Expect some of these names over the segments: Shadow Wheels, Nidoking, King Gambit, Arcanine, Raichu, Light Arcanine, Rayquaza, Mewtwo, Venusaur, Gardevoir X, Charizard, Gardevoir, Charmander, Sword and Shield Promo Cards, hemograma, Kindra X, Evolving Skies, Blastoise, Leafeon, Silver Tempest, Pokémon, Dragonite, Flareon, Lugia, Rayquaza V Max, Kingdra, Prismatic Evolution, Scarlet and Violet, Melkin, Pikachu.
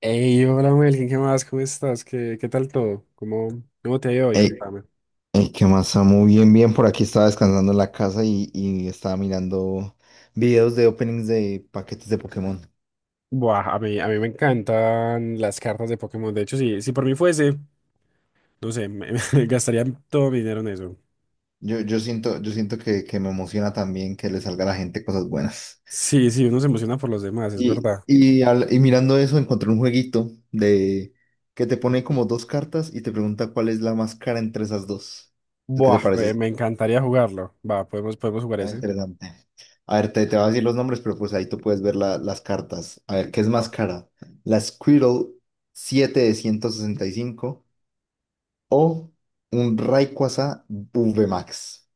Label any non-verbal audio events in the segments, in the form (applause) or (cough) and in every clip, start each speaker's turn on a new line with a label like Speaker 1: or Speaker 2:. Speaker 1: Hey, hola Melkin, ¿qué más? ¿Cómo estás? ¿Qué tal todo? ¿Cómo te ha ido hoy?
Speaker 2: Ey,
Speaker 1: Contame.
Speaker 2: ey, ¿qué más, Samu? Bien, bien, por aquí estaba descansando en la casa y estaba mirando videos de openings de paquetes de Pokémon.
Speaker 1: Buah, a mí me encantan las cartas de Pokémon. De hecho, si por mí fuese, no sé, (laughs) me gastaría todo mi dinero en eso.
Speaker 2: Yo siento que me emociona también que le salga a la gente cosas buenas.
Speaker 1: Sí, sí, uno se emociona por los demás, es
Speaker 2: Y,
Speaker 1: verdad.
Speaker 2: y, al- y mirando eso encontré un jueguito de que te pone
Speaker 1: Ujú.
Speaker 2: como dos cartas y te pregunta cuál es la más cara entre esas dos. ¿Qué te
Speaker 1: Buah, me,
Speaker 2: parece?
Speaker 1: me encantaría jugarlo. Va, podemos jugar
Speaker 2: Ah,
Speaker 1: ese.
Speaker 2: interesante. A ver, te voy a decir los nombres, pero pues ahí tú puedes ver las cartas. A ver, ¿qué es más
Speaker 1: Va.
Speaker 2: cara? ¿La Squirtle 7 de 165 o un Rayquaza V Max?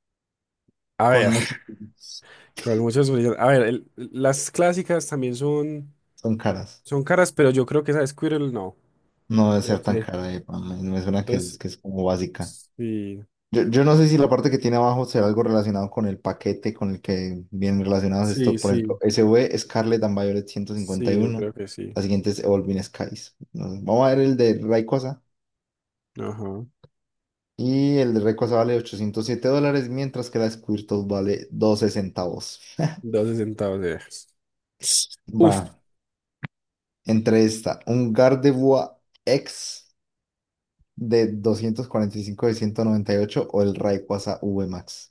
Speaker 1: A
Speaker 2: Con
Speaker 1: ver,
Speaker 2: muchos puntos.
Speaker 1: con muchos brillantes. A ver, las clásicas también son,
Speaker 2: (laughs) Son caras.
Speaker 1: son caras, pero yo creo que esa de Squirtle no.
Speaker 2: No debe
Speaker 1: No
Speaker 2: ser tan
Speaker 1: sé.
Speaker 2: cara, pa, me suena que
Speaker 1: Entonces,
Speaker 2: es, que es como básica.
Speaker 1: sí,
Speaker 2: Yo no sé si la parte que tiene abajo será algo relacionado con el paquete con el que vienen relacionados
Speaker 1: sí,
Speaker 2: esto. Por ejemplo,
Speaker 1: sí.
Speaker 2: S SV Scarlet and Violet ciento cincuenta y
Speaker 1: Sí, yo
Speaker 2: uno
Speaker 1: creo que sí.
Speaker 2: La siguiente es Evolving Skies. No sé, vamos a ver el de Rayquaza.
Speaker 1: Ajá.
Speaker 2: Y el de Rayquaza vale $807, mientras que la Squirtle vale 12 centavos.
Speaker 1: 12 centavos de.
Speaker 2: Va.
Speaker 1: Uf.
Speaker 2: Entre esta, un Gardevoir X de 245 de 198 o el Rayquaza V Max.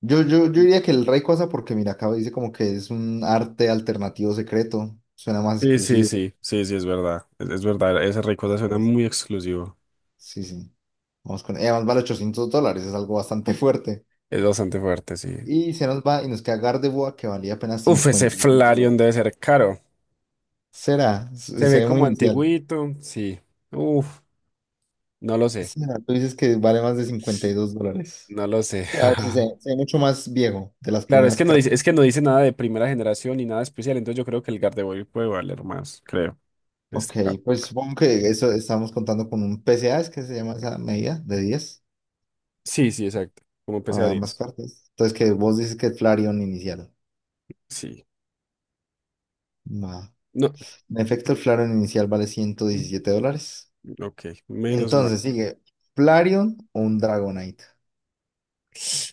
Speaker 2: Yo diría que el Rey Cosa, porque mira, acá dice como que es un arte alternativo secreto, suena más
Speaker 1: Sí, sí,
Speaker 2: exclusivo.
Speaker 1: sí, sí, sí, es verdad. Es verdad, ese Rayquaza
Speaker 2: Más
Speaker 1: suena
Speaker 2: cosas.
Speaker 1: muy exclusivo.
Speaker 2: Sí, sí. Vamos con. Y además vale $800, es algo bastante (laughs) fuerte.
Speaker 1: Es bastante fuerte, sí.
Speaker 2: Y se nos va y nos queda Gardevoir, que valía apenas
Speaker 1: Uf, ese
Speaker 2: 52
Speaker 1: Flareon
Speaker 2: dólares.
Speaker 1: debe ser caro.
Speaker 2: Será, se
Speaker 1: Se
Speaker 2: se
Speaker 1: ve
Speaker 2: ve muy
Speaker 1: como
Speaker 2: inicial.
Speaker 1: antiguito, sí. Uf, no lo sé,
Speaker 2: Será, tú dices que vale más de $52.
Speaker 1: no lo sé.
Speaker 2: Que a ver si se,
Speaker 1: (laughs)
Speaker 2: se ve mucho más viejo de las
Speaker 1: Claro, es
Speaker 2: primeras
Speaker 1: que no
Speaker 2: cartas.
Speaker 1: dice, es que no dice nada de primera generación ni nada especial, entonces yo creo que el Gardevoir puede valer más, creo, en
Speaker 2: Ok,
Speaker 1: este caso.
Speaker 2: pues supongo que eso estamos contando con un PCA es que se llama esa medida de 10
Speaker 1: Sí, sí, exacto. Como P C a
Speaker 2: a ambas
Speaker 1: diez.
Speaker 2: cartas. Entonces, que vos dices que el Flareon inicial.
Speaker 1: Sí.
Speaker 2: Va.
Speaker 1: No.
Speaker 2: En efecto, el Flareon inicial vale $117.
Speaker 1: Ok,
Speaker 2: Y
Speaker 1: menos mal.
Speaker 2: entonces sigue Flareon o un Dragonite.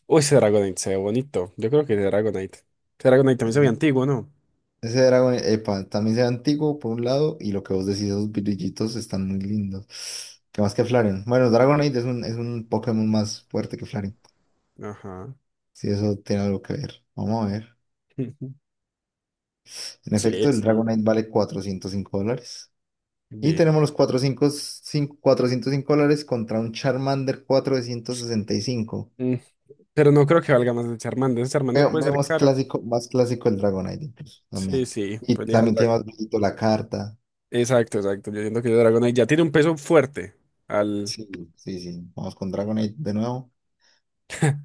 Speaker 1: Uy, ese Dragonite se ve bonito. Yo creo que ese Dragonite. Ese Dragonite también se ve
Speaker 2: Ese
Speaker 1: antiguo, ¿no?
Speaker 2: ese Dragonite, epa, también sea antiguo por un lado y lo que vos decís, esos brillitos están muy lindos. ¿Qué más que Flareon? Bueno, Dragonite es un Pokémon más fuerte que Flareon.
Speaker 1: Ajá.
Speaker 2: Si eso tiene algo que ver. Vamos a ver.
Speaker 1: (laughs)
Speaker 2: En
Speaker 1: Sí,
Speaker 2: efecto, el
Speaker 1: sí.
Speaker 2: Dragonite vale $405. Y
Speaker 1: Bien.
Speaker 2: tenemos los cuatrocientos cinco dólares contra un Charmander 465.
Speaker 1: Mm, Pero no creo que valga más el Charmander. Ese Charmander
Speaker 2: Veo,
Speaker 1: puede
Speaker 2: veo
Speaker 1: ser caro.
Speaker 2: más clásico el Dragonite incluso
Speaker 1: Sí,
Speaker 2: también.
Speaker 1: sí.
Speaker 2: Y
Speaker 1: Pues deja el
Speaker 2: también tiene
Speaker 1: Dra-
Speaker 2: más brillito la carta.
Speaker 1: Exacto, exacto. Yo siento que ese Dragonite ya tiene un peso fuerte. Al.
Speaker 2: Sí, sí, sí. Vamos con Dragonite de nuevo.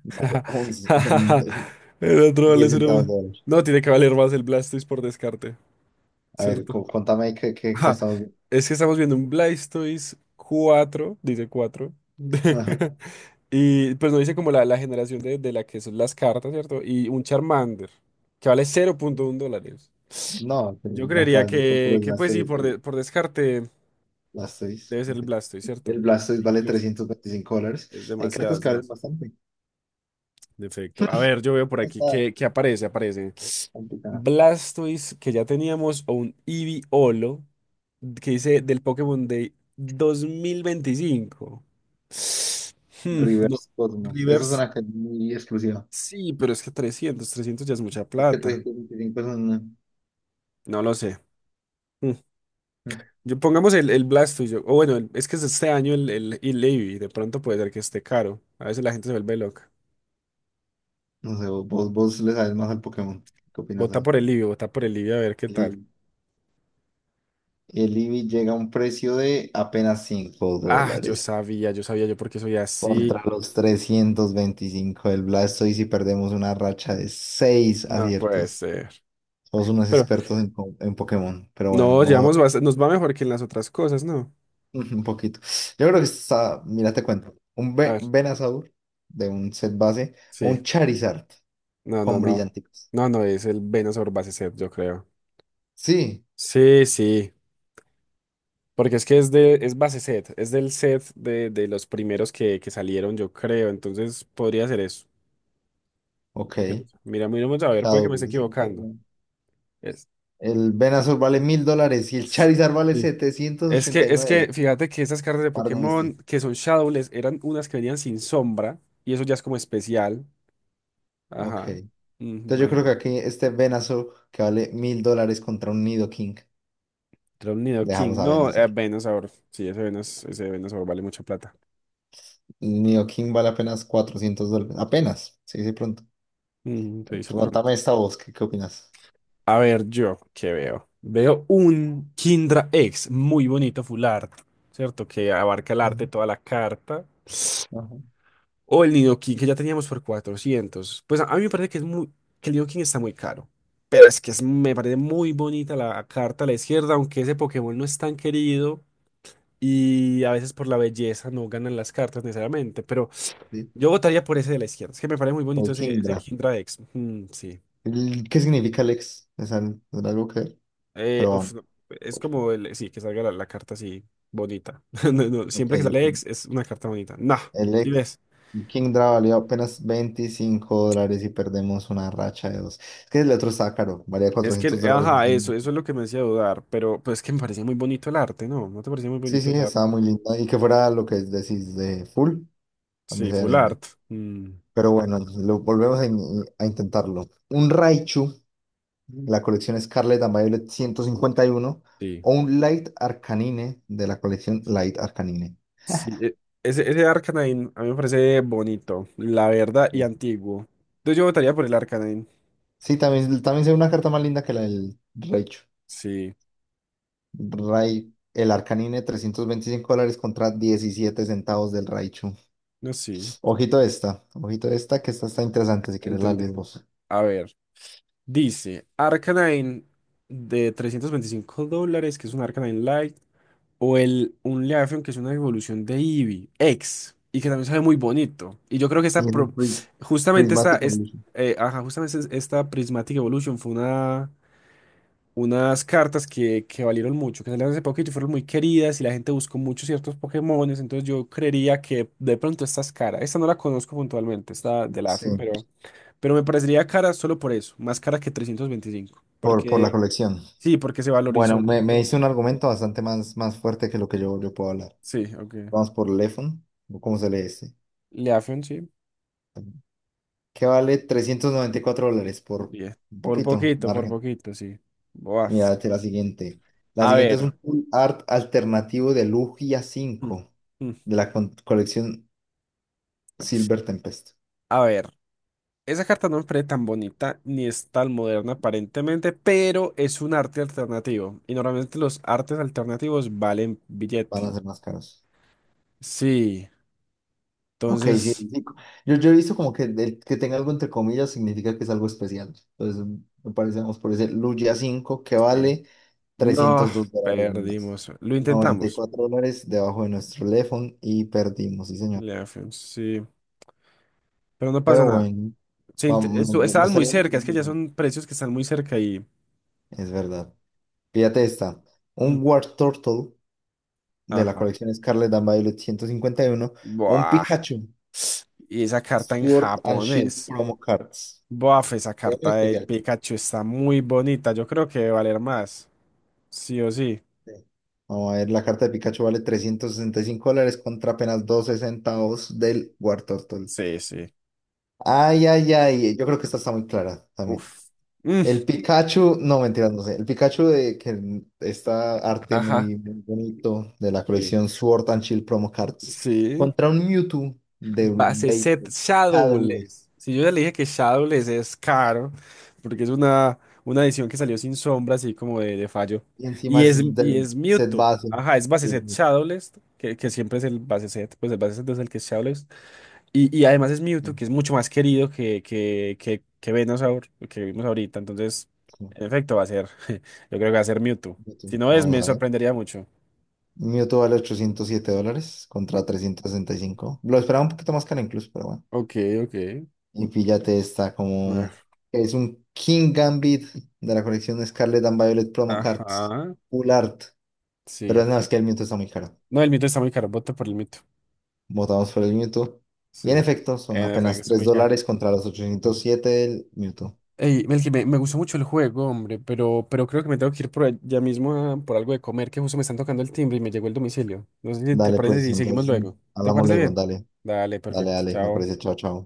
Speaker 2: Vale,
Speaker 1: (laughs)
Speaker 2: un-
Speaker 1: El otro vale
Speaker 2: 10 centavos
Speaker 1: 0.
Speaker 2: de dólar.
Speaker 1: No, tiene que valer más el Blastoise por descarte.
Speaker 2: A ver,
Speaker 1: ¿Cierto?
Speaker 2: contame ahí qué
Speaker 1: Ajá,
Speaker 2: estamos viendo.
Speaker 1: es que estamos viendo un Blastoise 4 dice 4.
Speaker 2: Ajá.
Speaker 1: (laughs) Y pues no dice como la generación de la que son las cartas, ¿cierto? Y un Charmander, que vale 0.1 dólares.
Speaker 2: No, que
Speaker 1: Yo creería
Speaker 2: acá de por
Speaker 1: que,
Speaker 2: puro
Speaker 1: que
Speaker 2: gasto
Speaker 1: pues sí,
Speaker 2: el,
Speaker 1: por, de-
Speaker 2: el
Speaker 1: por descarte
Speaker 2: Blastoise.
Speaker 1: debe ser el Blastoise,
Speaker 2: El
Speaker 1: ¿cierto?
Speaker 2: Blastoise vale
Speaker 1: Incluso.
Speaker 2: $325.
Speaker 1: Es
Speaker 2: Hay
Speaker 1: demasiado,
Speaker 2: cartas
Speaker 1: es
Speaker 2: que valen
Speaker 1: demasiado.
Speaker 2: bastante.
Speaker 1: Defecto. A ver, yo veo por
Speaker 2: No
Speaker 1: aquí
Speaker 2: está
Speaker 1: que aparece, aparece.
Speaker 2: complicado.
Speaker 1: Blastoise que ya teníamos o un Eevee-Olo que dice del Pokémon Day 2025. Hmm, no,
Speaker 2: Reverse Cosmos. Esa es
Speaker 1: Rivers,
Speaker 2: una canción muy exclusiva.
Speaker 1: sí, pero es que 300, 300 ya es mucha
Speaker 2: Es que
Speaker 1: plata.
Speaker 2: 325 es una.
Speaker 1: No lo sé. Hmm.
Speaker 2: mm,
Speaker 1: Yo pongamos el Blastoise, o bueno, es que es este año el Eevee, de pronto puede ser que esté caro. A veces la gente se vuelve loca.
Speaker 2: No sé, vos le sabes más al Pokémon. ¿Qué opinas
Speaker 1: Vota
Speaker 2: ahí?
Speaker 1: por el Eevee, vota por el Eevee a ver qué tal.
Speaker 2: Eevee. El Eevee llega a un precio de apenas 5
Speaker 1: Ah, yo
Speaker 2: dólares
Speaker 1: sabía, yo sabía yo por qué soy así.
Speaker 2: contra los 325 del Blastoise y si perdemos una racha de 6
Speaker 1: No puede
Speaker 2: aciertos.
Speaker 1: ser.
Speaker 2: Somos unos
Speaker 1: Pero
Speaker 2: expertos en, en Pokémon, pero bueno,
Speaker 1: no,
Speaker 2: vamos a
Speaker 1: llevamos nos va mejor que en las otras cosas, ¿no?
Speaker 2: (laughs) un poquito. Yo creo que está, mira, te cuento, un
Speaker 1: A ver,
Speaker 2: Venusaur de un set base o
Speaker 1: sí.
Speaker 2: un Charizard
Speaker 1: No, no,
Speaker 2: con
Speaker 1: no.
Speaker 2: brillanticos.
Speaker 1: No, no, es el Venusaur base set, yo creo.
Speaker 2: Sí,
Speaker 1: Sí, sí. Porque es que es base set, es del set de los primeros que salieron, yo creo. Entonces podría ser eso. Que no
Speaker 2: ok.
Speaker 1: sé. Mira, miramos a ver, puede que
Speaker 2: Shadow
Speaker 1: me esté
Speaker 2: Wheels, ok,
Speaker 1: equivocando.
Speaker 2: bueno.
Speaker 1: Es,
Speaker 2: El Venusaur vale $1000 y el Charizard vale
Speaker 1: sí. Es que,
Speaker 2: 789.
Speaker 1: fíjate que esas cartas de
Speaker 2: Par de bestias.
Speaker 1: Pokémon que son Shadowless eran unas que venían sin sombra, y eso ya es como especial.
Speaker 2: Ok.
Speaker 1: Ajá.
Speaker 2: Entonces
Speaker 1: Ujú,
Speaker 2: yo creo que
Speaker 1: imagínate.
Speaker 2: aquí este Venusaur que vale $1000 contra un Nidoking.
Speaker 1: Nido
Speaker 2: Dejamos
Speaker 1: King.
Speaker 2: a
Speaker 1: No,
Speaker 2: Venusaur.
Speaker 1: Venusaur. Sí, ese Venusaur vale mucha plata.
Speaker 2: El Nidoking vale apenas $400. Apenas. Sí, sí, pronto.
Speaker 1: Te dice pronto.
Speaker 2: Pregúntame esta voz, ¿qué opinas?
Speaker 1: A ver, yo, ¿qué veo? Veo un Kindra X muy bonito, full art, ¿cierto? Que abarca el arte,
Speaker 2: Ujú,
Speaker 1: toda la carta.
Speaker 2: ajá,
Speaker 1: O el Nidoking que ya teníamos por 400. Pues a mí me parece que es que el Nidoking está muy caro. Pero es que me parece muy bonita la carta a la izquierda, aunque ese Pokémon no es tan querido. Y a veces por la belleza no ganan las cartas necesariamente.
Speaker 2: sí.
Speaker 1: Yo votaría por ese de la izquierda. Es que me parece muy bonito
Speaker 2: El
Speaker 1: ese
Speaker 2: Kingdra.
Speaker 1: Kindra X. Mm, sí.
Speaker 2: ¿Qué significa Lex? ¿Es algo que...? Pero
Speaker 1: Uf,
Speaker 2: vamos.
Speaker 1: no, es como el, sí, que salga la carta así bonita. (laughs) No, no,
Speaker 2: Ok,
Speaker 1: siempre que
Speaker 2: ok.
Speaker 1: sale X es una carta bonita. Nah, ¿sí
Speaker 2: El
Speaker 1: ves?
Speaker 2: Kingdra valió apenas $25 y perdemos una racha de dos. Es que el otro estaba caro, valía
Speaker 1: Es que,
Speaker 2: $400.
Speaker 1: ajá, eso es lo que me hacía dudar. Pero pues es que me parecía muy bonito el arte, ¿no? ¿No te parecía muy
Speaker 2: Sí,
Speaker 1: bonito
Speaker 2: sí,
Speaker 1: ese
Speaker 2: estaba
Speaker 1: arte?
Speaker 2: muy lindo. Y que fuera lo que decís de full, también
Speaker 1: Sí,
Speaker 2: sería
Speaker 1: full
Speaker 2: lindo.
Speaker 1: art. Mm,
Speaker 2: Pero bueno, lo volvemos a intentarlo. Un Raichu, la colección Scarlet and Violet 151,
Speaker 1: sí.
Speaker 2: o un Light Arcanine de la colección Light Arcanine.
Speaker 1: Sí, ese Arcanine a mí me parece bonito, la verdad, y
Speaker 2: Sí,
Speaker 1: antiguo. Entonces yo votaría por el Arcanine.
Speaker 2: sí, también, también sería una carta más linda que la del Raichu.
Speaker 1: Sí,
Speaker 2: El Arcanine, $325 contra 17 centavos del Raichu.
Speaker 1: no, sí,
Speaker 2: Ojito esta, que esta está interesante, si quieres la
Speaker 1: entendí.
Speaker 2: lees vos.
Speaker 1: A ver. Dice, Arcanine de 325 dólares, que es un Arcanine Light, o el un Leafeon, que es una evolución de Eevee, X, y que también sabe muy bonito. Y yo creo que
Speaker 2: Y
Speaker 1: esta,
Speaker 2: en un pri-
Speaker 1: justamente esta,
Speaker 2: Prismatic Evolution.
Speaker 1: ajá, justamente esta Prismatic Evolution fue unas cartas que valieron mucho, que salieron hace poquito y fueron muy queridas, y la gente buscó muchos ciertos Pokémones, entonces yo creería que de pronto esta es cara. Esta no la conozco puntualmente, esta de
Speaker 2: Sí,
Speaker 1: Leafeon, pero me parecería cara solo por eso, más cara que 325.
Speaker 2: por la
Speaker 1: Porque,
Speaker 2: colección.
Speaker 1: sí, porque se valorizó
Speaker 2: Bueno,
Speaker 1: un
Speaker 2: me hice
Speaker 1: montón.
Speaker 2: un argumento bastante más, más fuerte que lo que yo puedo hablar.
Speaker 1: Sí, ok.
Speaker 2: Vamos por Lefon, o ¿cómo se lee este?
Speaker 1: Leafeon, sí.
Speaker 2: Que vale $394 por
Speaker 1: Bien.
Speaker 2: un poquito,
Speaker 1: Por
Speaker 2: margen.
Speaker 1: poquito, sí. Boaf.
Speaker 2: Mira, esta es la siguiente. La
Speaker 1: A
Speaker 2: siguiente es
Speaker 1: ver.
Speaker 2: un full art alternativo de Lugia
Speaker 1: Mm,
Speaker 2: 5
Speaker 1: mm.
Speaker 2: de la colección Silver Tempest.
Speaker 1: A ver. Esa carta no me parece tan bonita ni es tan moderna aparentemente, pero es un arte alternativo. Y normalmente los artes alternativos valen
Speaker 2: Van
Speaker 1: billete.
Speaker 2: a ser más caros.
Speaker 1: Sí.
Speaker 2: Ok, sí,
Speaker 1: Entonces,
Speaker 2: sí. Yo he visto como que el que tenga algo entre comillas significa que es algo especial. Entonces, me parece, vamos por ese Lugia 5 que
Speaker 1: sí.
Speaker 2: vale
Speaker 1: No,
Speaker 2: $302 más.
Speaker 1: perdimos. Lo
Speaker 2: noventa y
Speaker 1: intentamos.
Speaker 2: cuatro dólares debajo de nuestro teléfono y perdimos, sí, señor.
Speaker 1: Leafeon, sí. Pero no pasa
Speaker 2: Pero
Speaker 1: nada.
Speaker 2: bueno,
Speaker 1: Se int-
Speaker 2: vamos,
Speaker 1: estu-
Speaker 2: no
Speaker 1: estaban muy
Speaker 2: estaría mal,
Speaker 1: cerca, es que ya
Speaker 2: ¿no?
Speaker 1: son precios que están muy cerca y.
Speaker 2: Es verdad. Fíjate esta,
Speaker 1: Mm,
Speaker 2: un War Turtle de la
Speaker 1: ajá.
Speaker 2: colección Scarlet and Violet 151, o un
Speaker 1: Buah.
Speaker 2: Pikachu
Speaker 1: Y esa carta en
Speaker 2: Sword and Shield
Speaker 1: japonés.
Speaker 2: Promo Cards.
Speaker 1: Buah, esa
Speaker 2: Se ve muy
Speaker 1: carta del
Speaker 2: especial.
Speaker 1: Pikachu está muy bonita. Yo creo que debe valer más. Sí o sí.
Speaker 2: Sí. Vamos a ver, la carta de Pikachu vale $365 contra apenas 2 centavos del War Turtle.
Speaker 1: Sí, sí.
Speaker 2: Ay, ay, ay, yo creo que esta está muy clara también.
Speaker 1: Uf. Mm,
Speaker 2: El Pikachu, no, mentiras, no sé. El Pikachu de que está arte
Speaker 1: ajá.
Speaker 2: muy, muy bonito de la
Speaker 1: Sí.
Speaker 2: colección Sword and Shield Promo Cards
Speaker 1: Sí.
Speaker 2: contra un Mewtwo de
Speaker 1: Base set
Speaker 2: 20 dobles,
Speaker 1: Shadowless. Si yo ya le dije que Shadowless es caro, porque es una edición que salió sin sombra, así como de fallo.
Speaker 2: y encima
Speaker 1: Y es,
Speaker 2: es
Speaker 1: y
Speaker 2: del
Speaker 1: es
Speaker 2: set
Speaker 1: Mewtwo.
Speaker 2: base.
Speaker 1: Ajá, es base
Speaker 2: Y es
Speaker 1: set
Speaker 2: Mewtwo.
Speaker 1: Shadowless, que siempre es el base set, pues el base set es el que es Shadowless. Y además es Mewtwo, que es mucho más querido que Venusaur, que vimos ahorita. Entonces,
Speaker 2: Sí,
Speaker 1: en efecto, va a ser, (laughs) yo creo que va a ser Mewtwo.
Speaker 2: Mewtwo.
Speaker 1: Si no es, me
Speaker 2: Vamos a ver.
Speaker 1: sorprendería mucho.
Speaker 2: Mewtwo vale $807 contra
Speaker 1: Ok,
Speaker 2: 365. Lo esperaba un poquito más caro incluso, pero bueno.
Speaker 1: ok, ok.
Speaker 2: Y píllate esta
Speaker 1: A
Speaker 2: como
Speaker 1: ver,
Speaker 2: es un King Gambit de la colección Scarlet and Violet Promo Cards.
Speaker 1: ajá,
Speaker 2: Full Art. Pero
Speaker 1: sí.
Speaker 2: no, es que el Mewtwo está muy caro.
Speaker 1: No, el mito está muy caro, voto por el mito.
Speaker 2: Votamos por el Mewtwo. Y en
Speaker 1: Sí,
Speaker 2: efecto, son
Speaker 1: en efecto,
Speaker 2: apenas
Speaker 1: está
Speaker 2: 3
Speaker 1: muy caro.
Speaker 2: dólares contra los 807 del Mewtwo.
Speaker 1: Ey, Melqui, me gustó mucho el juego, hombre, pero creo que me tengo que ir por allá mismo por algo de comer, que justo me están tocando el timbre y me llegó el domicilio. No sé si te
Speaker 2: Dale,
Speaker 1: parece
Speaker 2: pues,
Speaker 1: si seguimos
Speaker 2: entonces,
Speaker 1: luego. ¿Te
Speaker 2: hablamos
Speaker 1: parece
Speaker 2: luego,
Speaker 1: bien?
Speaker 2: dale,
Speaker 1: Dale,
Speaker 2: dale,
Speaker 1: perfecto.
Speaker 2: dale, me
Speaker 1: Chao.
Speaker 2: parece, chao, chao.